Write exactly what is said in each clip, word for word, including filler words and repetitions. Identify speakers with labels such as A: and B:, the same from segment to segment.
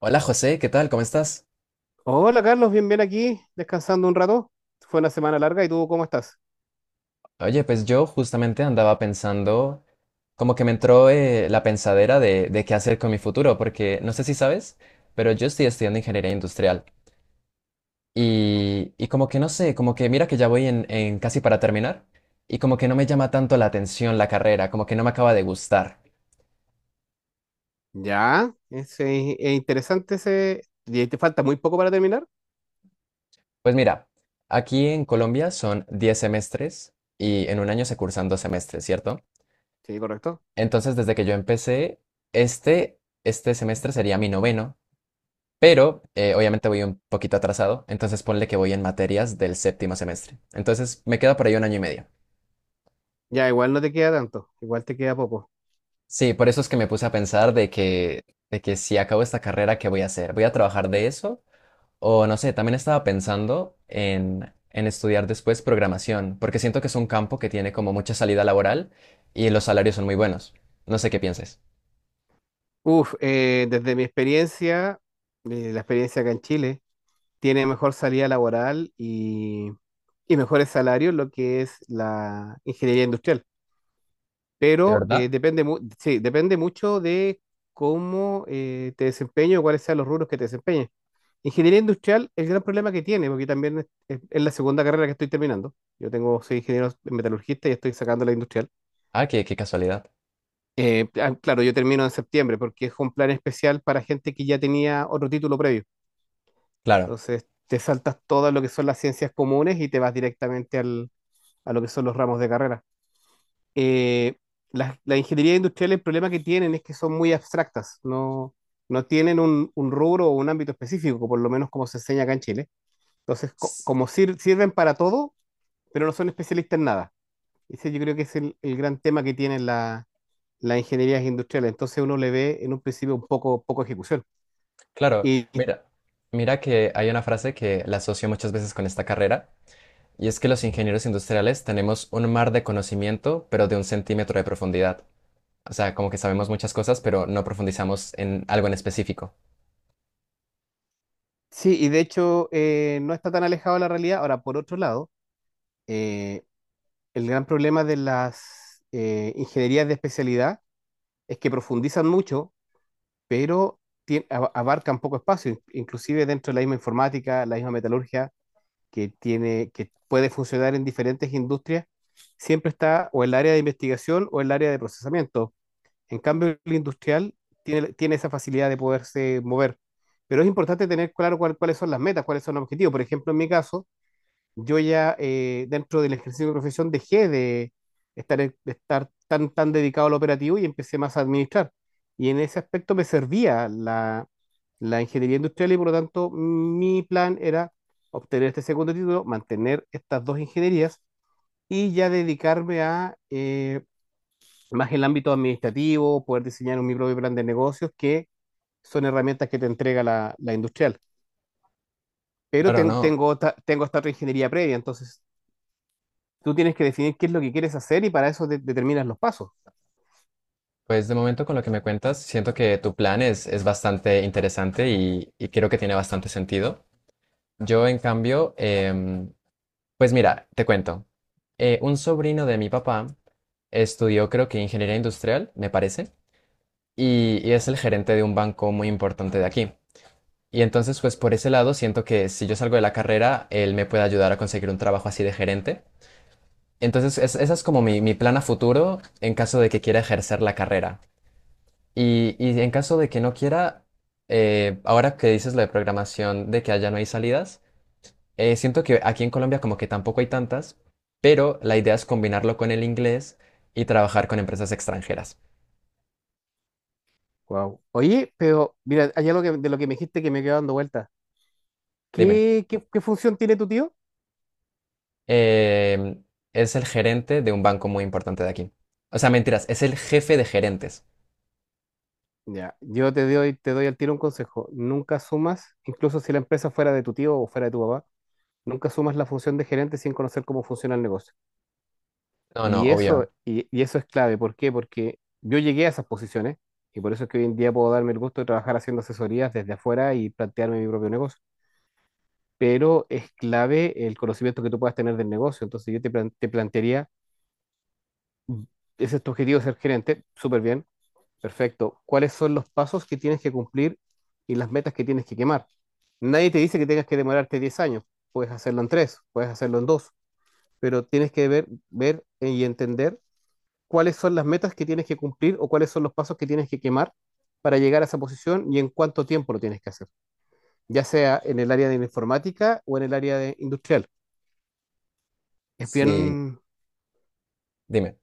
A: Hola José, ¿qué tal? ¿Cómo estás?
B: Hola Carlos, bien, bien aquí, descansando un rato. Fue una semana larga y tú, ¿cómo estás?
A: Oye, pues yo justamente andaba pensando, como que me entró eh, la pensadera de, de qué hacer con mi futuro, porque no sé si sabes, pero yo estoy estudiando ingeniería industrial y, y como que no sé, como que mira que ya voy en, en casi para terminar y como que no me llama tanto la atención la carrera, como que no me acaba de gustar.
B: Ya, es, eh, es interesante ese ¿Y te falta muy poco para terminar?
A: Pues mira, aquí en Colombia son diez semestres y en un año se cursan dos semestres, ¿cierto?
B: Sí, correcto.
A: Entonces, desde que yo empecé, este, este semestre sería mi noveno. Pero eh, obviamente voy un poquito atrasado, entonces ponle que voy en materias del séptimo semestre. Entonces me queda por ahí un año y medio.
B: Ya, igual no te queda tanto, igual te queda poco.
A: Sí, por eso es que me puse a pensar de que, de que si acabo esta carrera, ¿qué voy a hacer? ¿Voy a trabajar de eso? O no sé, también estaba pensando en, en estudiar después programación, porque siento que es un campo que tiene como mucha salida laboral y los salarios son muy buenos. No sé qué pienses.
B: Uf, eh, desde mi experiencia, eh, la experiencia acá en Chile, tiene mejor salida laboral y, y mejores salarios lo que es la ingeniería industrial.
A: ¿De
B: Pero eh,
A: verdad?
B: depende, mu- sí, depende mucho de cómo eh, te desempeño y cuáles sean los rubros que te desempeñes. Ingeniería industrial, el gran problema que tiene, porque también es, es- es la segunda carrera que estoy terminando. Yo tengo, soy ingeniero metalurgista y estoy sacando la industrial.
A: Ah, qué, qué casualidad.
B: Eh, ah, claro, yo termino en septiembre porque es un plan especial para gente que ya tenía otro título previo.
A: Claro.
B: Entonces, te saltas todo lo que son las ciencias comunes y te vas directamente al, a lo que son los ramos de carrera. eh, las, las ingenierías industriales, el problema que tienen es que son muy abstractas, no, no tienen un, un rubro o un ámbito específico, por lo menos como se enseña acá en Chile. Entonces, co- como sir- sirven para todo, pero no son especialistas en nada. Ese yo creo que es el, el gran tema que tienen la- las ingenierías industriales. Entonces uno le ve en un principio un poco, poco ejecución.
A: Claro,
B: Y, y
A: mira, mira que hay una frase que la asocio muchas veces con esta carrera, y es que los ingenieros industriales tenemos un mar de conocimiento, pero de un centímetro de profundidad. O sea, como que sabemos muchas cosas, pero no profundizamos en algo en específico.
B: sí, y de hecho eh, no está tan alejado de la realidad. Ahora, por otro lado, eh, el gran problema de las eh, ingenierías de especialidad es que profundizan mucho, pero tien- a- abarcan poco espacio, in- inclusive dentro de la misma informática, la misma metalurgia, que tiene, que puede funcionar en diferentes industrias, siempre está o el área de investigación o el área de procesamiento. En cambio, el industrial tiene, tiene esa facilidad de poderse mover. Pero es importante tener claro cuál- cuáles son las metas, cuáles son los objetivos. Por ejemplo, en mi caso, yo ya eh, dentro del ejercicio de profesión dejé de estar, en- de estar tan, tan dedicado al operativo y empecé más a administrar. Y en ese aspecto me servía la, la ingeniería industrial y por lo tanto mi plan era obtener este segundo título, mantener estas dos ingenierías y ya dedicarme a eh, más el ámbito administrativo, poder diseñar un mi propio plan de negocios, que son herramientas que te entrega la, la industrial. Pero
A: Claro,
B: ten-
A: no.
B: tengo, otra- tengo esta otra ingeniería previa, entonces tú tienes que definir qué es lo que quieres hacer y para eso de- determinas los pasos.
A: Pues de momento con lo que me cuentas, siento que tu plan es, es bastante interesante y, y creo que tiene bastante sentido. Yo, en cambio, em, pues mira, te cuento. Eh, un sobrino de mi papá estudió, creo que ingeniería industrial, me parece. y, y es el gerente de un banco muy importante de aquí. Y entonces, pues por ese lado, siento que si yo salgo de la carrera, él me puede ayudar a conseguir un trabajo así de gerente. Entonces, es- esa es como mi, mi plan a futuro en caso de que quiera ejercer la carrera. Y, y en caso de que no quiera, eh, ahora que dices lo de programación, de que allá no hay salidas, eh, siento que aquí en Colombia como que tampoco hay tantas, pero la idea es combinarlo con el inglés y trabajar con empresas extranjeras.
B: Wow. Oye, pero mira, hay algo que- de lo que me dijiste que me quedó dando vuelta.
A: Dime.
B: ¿Qué, qué, qué función tiene tu tío?
A: eh, es el gerente de un banco muy importante de aquí. O sea, mentiras, es el jefe de gerentes.
B: Ya, yo te doy, te doy al tiro un consejo. Nunca sumas, incluso si la empresa fuera de tu tío o fuera de tu papá, nunca sumas la función de gerente sin conocer cómo funciona el negocio.
A: No, no,
B: Y
A: obvio.
B: eso, y, y eso es clave. ¿Por qué? Porque yo llegué a esas posiciones y por eso es que hoy en día puedo darme el gusto de trabajar haciendo asesorías desde afuera y plantearme mi propio negocio. Pero es clave el conocimiento que tú puedas tener del negocio. Entonces yo te, plan- te plantearía, mm, ese es tu objetivo, ser gerente, súper bien, perfecto. ¿Cuáles son los pasos que tienes que cumplir y las metas que tienes que quemar? Nadie te dice que tengas que demorarte diez años, puedes hacerlo en tres, puedes hacerlo en dos, pero tienes que ver, ver y entender cuáles son las metas que tienes que cumplir o cuáles son los pasos que tienes que quemar para llegar a esa posición y en cuánto tiempo lo tienes que hacer, ya sea en el área de la informática o en el área de industrial. Es
A: Sí,
B: bien,
A: dime.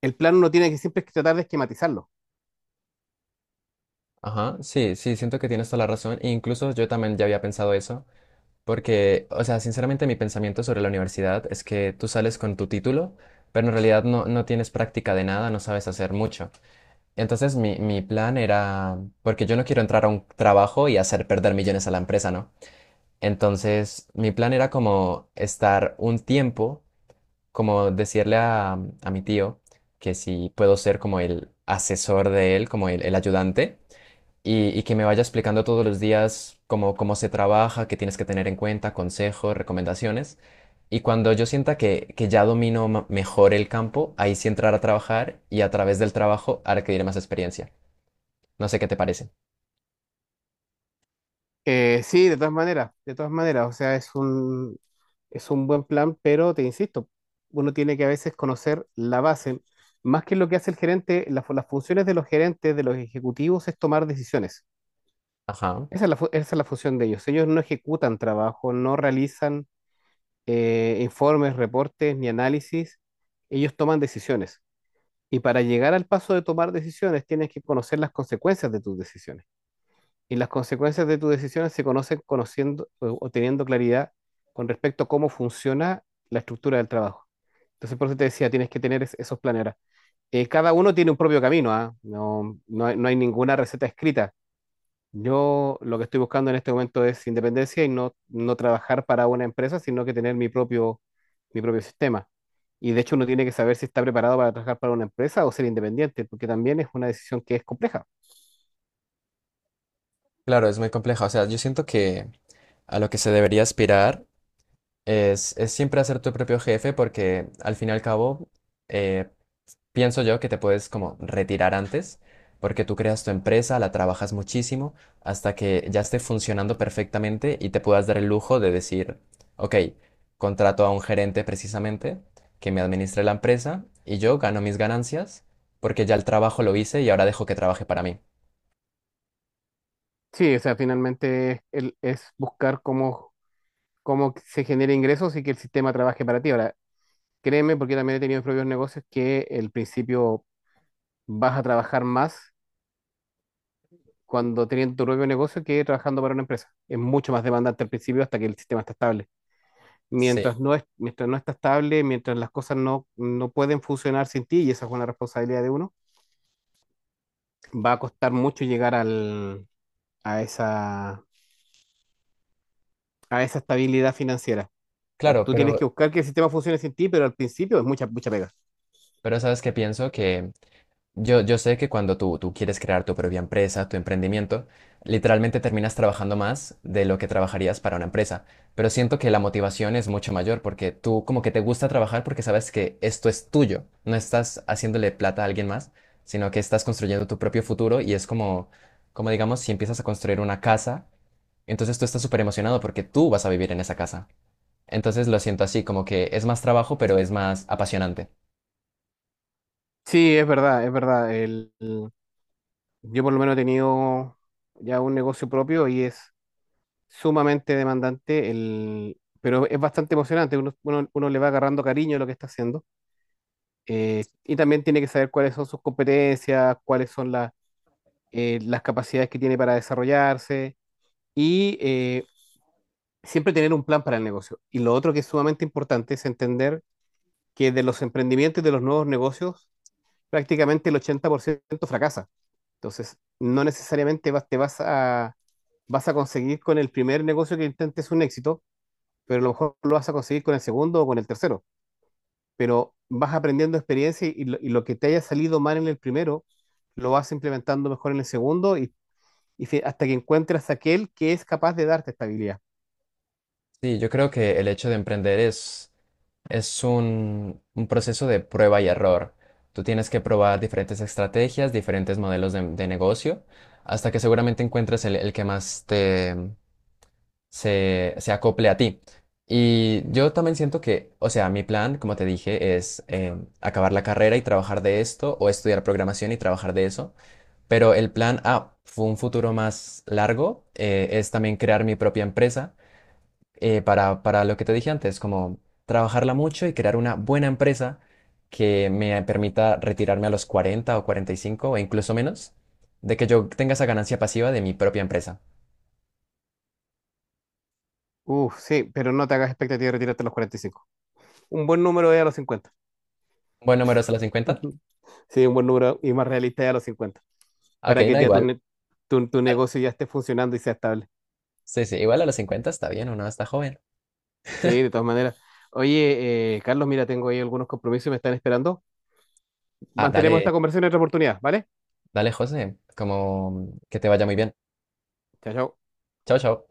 B: el plan uno tiene que siempre que tratar de esquematizarlo.
A: Ajá, sí, sí, siento que tienes toda la razón. E incluso yo también ya había pensado eso, porque, o sea, sinceramente mi pensamiento sobre la universidad es que tú sales con tu título, pero en realidad no, no tienes práctica de nada, no sabes hacer mucho. Entonces mi, mi plan era, porque yo no quiero entrar a un trabajo y hacer perder millones a la empresa, ¿no? Entonces, mi plan era como estar un tiempo, como decirle a, a mi tío que si puedo ser como el asesor de él, como el, el ayudante, y, y que me vaya explicando todos los días cómo, cómo se trabaja, qué tienes que tener en cuenta, consejos, recomendaciones. Y cuando yo sienta que, que ya domino ma- mejor el campo, ahí sí entrar a trabajar y a través del trabajo adquirir más experiencia. No sé qué te parece.
B: Eh, sí, de todas maneras, de todas maneras, o sea, es un, es un buen plan, pero te insisto, uno tiene que a veces conocer la base, más que lo que hace el gerente, la fu- las funciones de los gerentes, de los ejecutivos, es tomar decisiones.
A: Ajá.
B: Esa es la, fu- esa es la función de ellos. Ellos no ejecutan trabajo, no realizan eh, informes, reportes ni análisis, ellos toman decisiones. Y para llegar al paso de tomar decisiones, tienes que conocer las consecuencias de tus decisiones. Y las consecuencias de tus decisiones se conocen conociendo o o teniendo claridad con respecto a cómo funciona la estructura del trabajo. Entonces, por eso te decía, tienes que tener es- esos planes. Ahora, eh, cada uno tiene un propio camino, ¿ah? No, no hay, no hay ninguna receta escrita. Yo lo que estoy buscando en este momento es independencia y no, no trabajar para una empresa, sino que tener mi propio, mi propio sistema. Y de hecho uno tiene que saber si está preparado para trabajar para una empresa o ser independiente, porque también es una decisión que es compleja.
A: Claro, es muy compleja. O sea, yo siento que a lo que se debería aspirar Es, es siempre hacer tu propio jefe porque al fin y al cabo eh, pienso yo que te puedes como retirar antes porque tú creas tu empresa, la trabajas muchísimo hasta que ya esté funcionando perfectamente y te puedas dar el lujo de decir, ok, contrato a un gerente precisamente que me administre la empresa y yo gano mis ganancias porque ya el trabajo lo hice y ahora dejo que trabaje para mí.
B: Sí, o sea, finalmente el- es buscar cómo, cómo se genera ingresos y que el sistema trabaje para ti. Ahora, créeme, porque también he tenido mis propios negocios, que el principio vas a trabajar más cuando teniendo tu propio negocio que trabajando para una empresa. Es mucho más demandante al principio hasta que el sistema está estable.
A: Sí,
B: Mientras no es, mientras no está estable, mientras las cosas no, no pueden funcionar sin ti, y esa es una responsabilidad de uno, va a costar mucho llegar al, a esa, a esa estabilidad financiera. O sea,
A: claro,
B: tú tienes que
A: pero,
B: buscar que el sistema funcione sin ti, pero al principio es mucha, mucha pega.
A: pero sabes que pienso que Yo, yo sé que cuando tú, tú quieres crear tu propia empresa, tu emprendimiento, literalmente terminas trabajando más de lo que trabajarías para una empresa, pero siento que la motivación es mucho mayor porque tú como que te gusta trabajar porque sabes que esto es tuyo, no estás haciéndole plata a alguien más, sino que estás construyendo tu propio futuro y es como, como digamos, si empiezas a construir una casa, entonces tú estás súper emocionado porque tú vas a vivir en esa casa. Entonces lo siento así, como que es más trabajo, pero es más apasionante.
B: Sí, es verdad, es verdad. El, el- yo por lo menos he tenido ya un negocio propio y es sumamente demandante, el, pero es bastante emocionante. Uno, uno- uno le va agarrando cariño a lo que está haciendo, eh, y también tiene que saber cuáles son sus competencias, cuáles son la- eh, las capacidades que tiene para desarrollarse y eh, siempre tener un plan para el negocio. Y lo otro que es sumamente importante es entender que de los emprendimientos y de los nuevos negocios, prácticamente el ochenta por ciento fracasa. Entonces, no necesariamente vas, te vas a, vas a conseguir con el primer negocio que intentes un éxito, pero a lo mejor lo vas a conseguir con el segundo o con el tercero. Pero vas aprendiendo experiencia y lo, y lo que te haya salido mal en el primero, lo vas implementando mejor en el segundo y, y fi- hasta que encuentres aquel que es capaz de darte estabilidad.
A: Sí, yo creo que el hecho de emprender es... Es un, un proceso de prueba y error. Tú tienes que probar diferentes estrategias, diferentes modelos de, de negocio, hasta que seguramente encuentres el, el que más te se, se acople a ti. Y yo también siento que, o sea, mi plan, como te dije, es eh, acabar la carrera y trabajar de esto, o estudiar programación y trabajar de eso. Pero el plan A, fue un futuro más largo, eh, es también crear mi propia empresa eh, para, para lo que te dije antes, como trabajarla mucho y crear una buena empresa que me permita retirarme a los cuarenta o cuarenta y cinco o incluso menos, de que yo tenga esa ganancia pasiva de mi propia empresa.
B: Uf, sí, pero no te hagas expectativa de retirarte a los cuarenta y cinco. Un buen número es a los cincuenta.
A: ¿Buen número es a los cincuenta?
B: Sí, un buen número y más realista es a los cincuenta
A: Ok,
B: para que
A: no,
B: ya tu,
A: igual.
B: ne- tu, tu negocio ya esté funcionando y sea estable.
A: Sí, sí, igual a los cincuenta está bien, uno está joven.
B: Sí, de todas maneras. Oye, eh, Carlos, mira, tengo ahí algunos compromisos y me están esperando.
A: Ah,
B: Mantenemos
A: dale,
B: esta conversación en otra oportunidad, ¿vale?
A: dale, José, como que te vaya muy bien.
B: Chao, chao.
A: Chao, chao.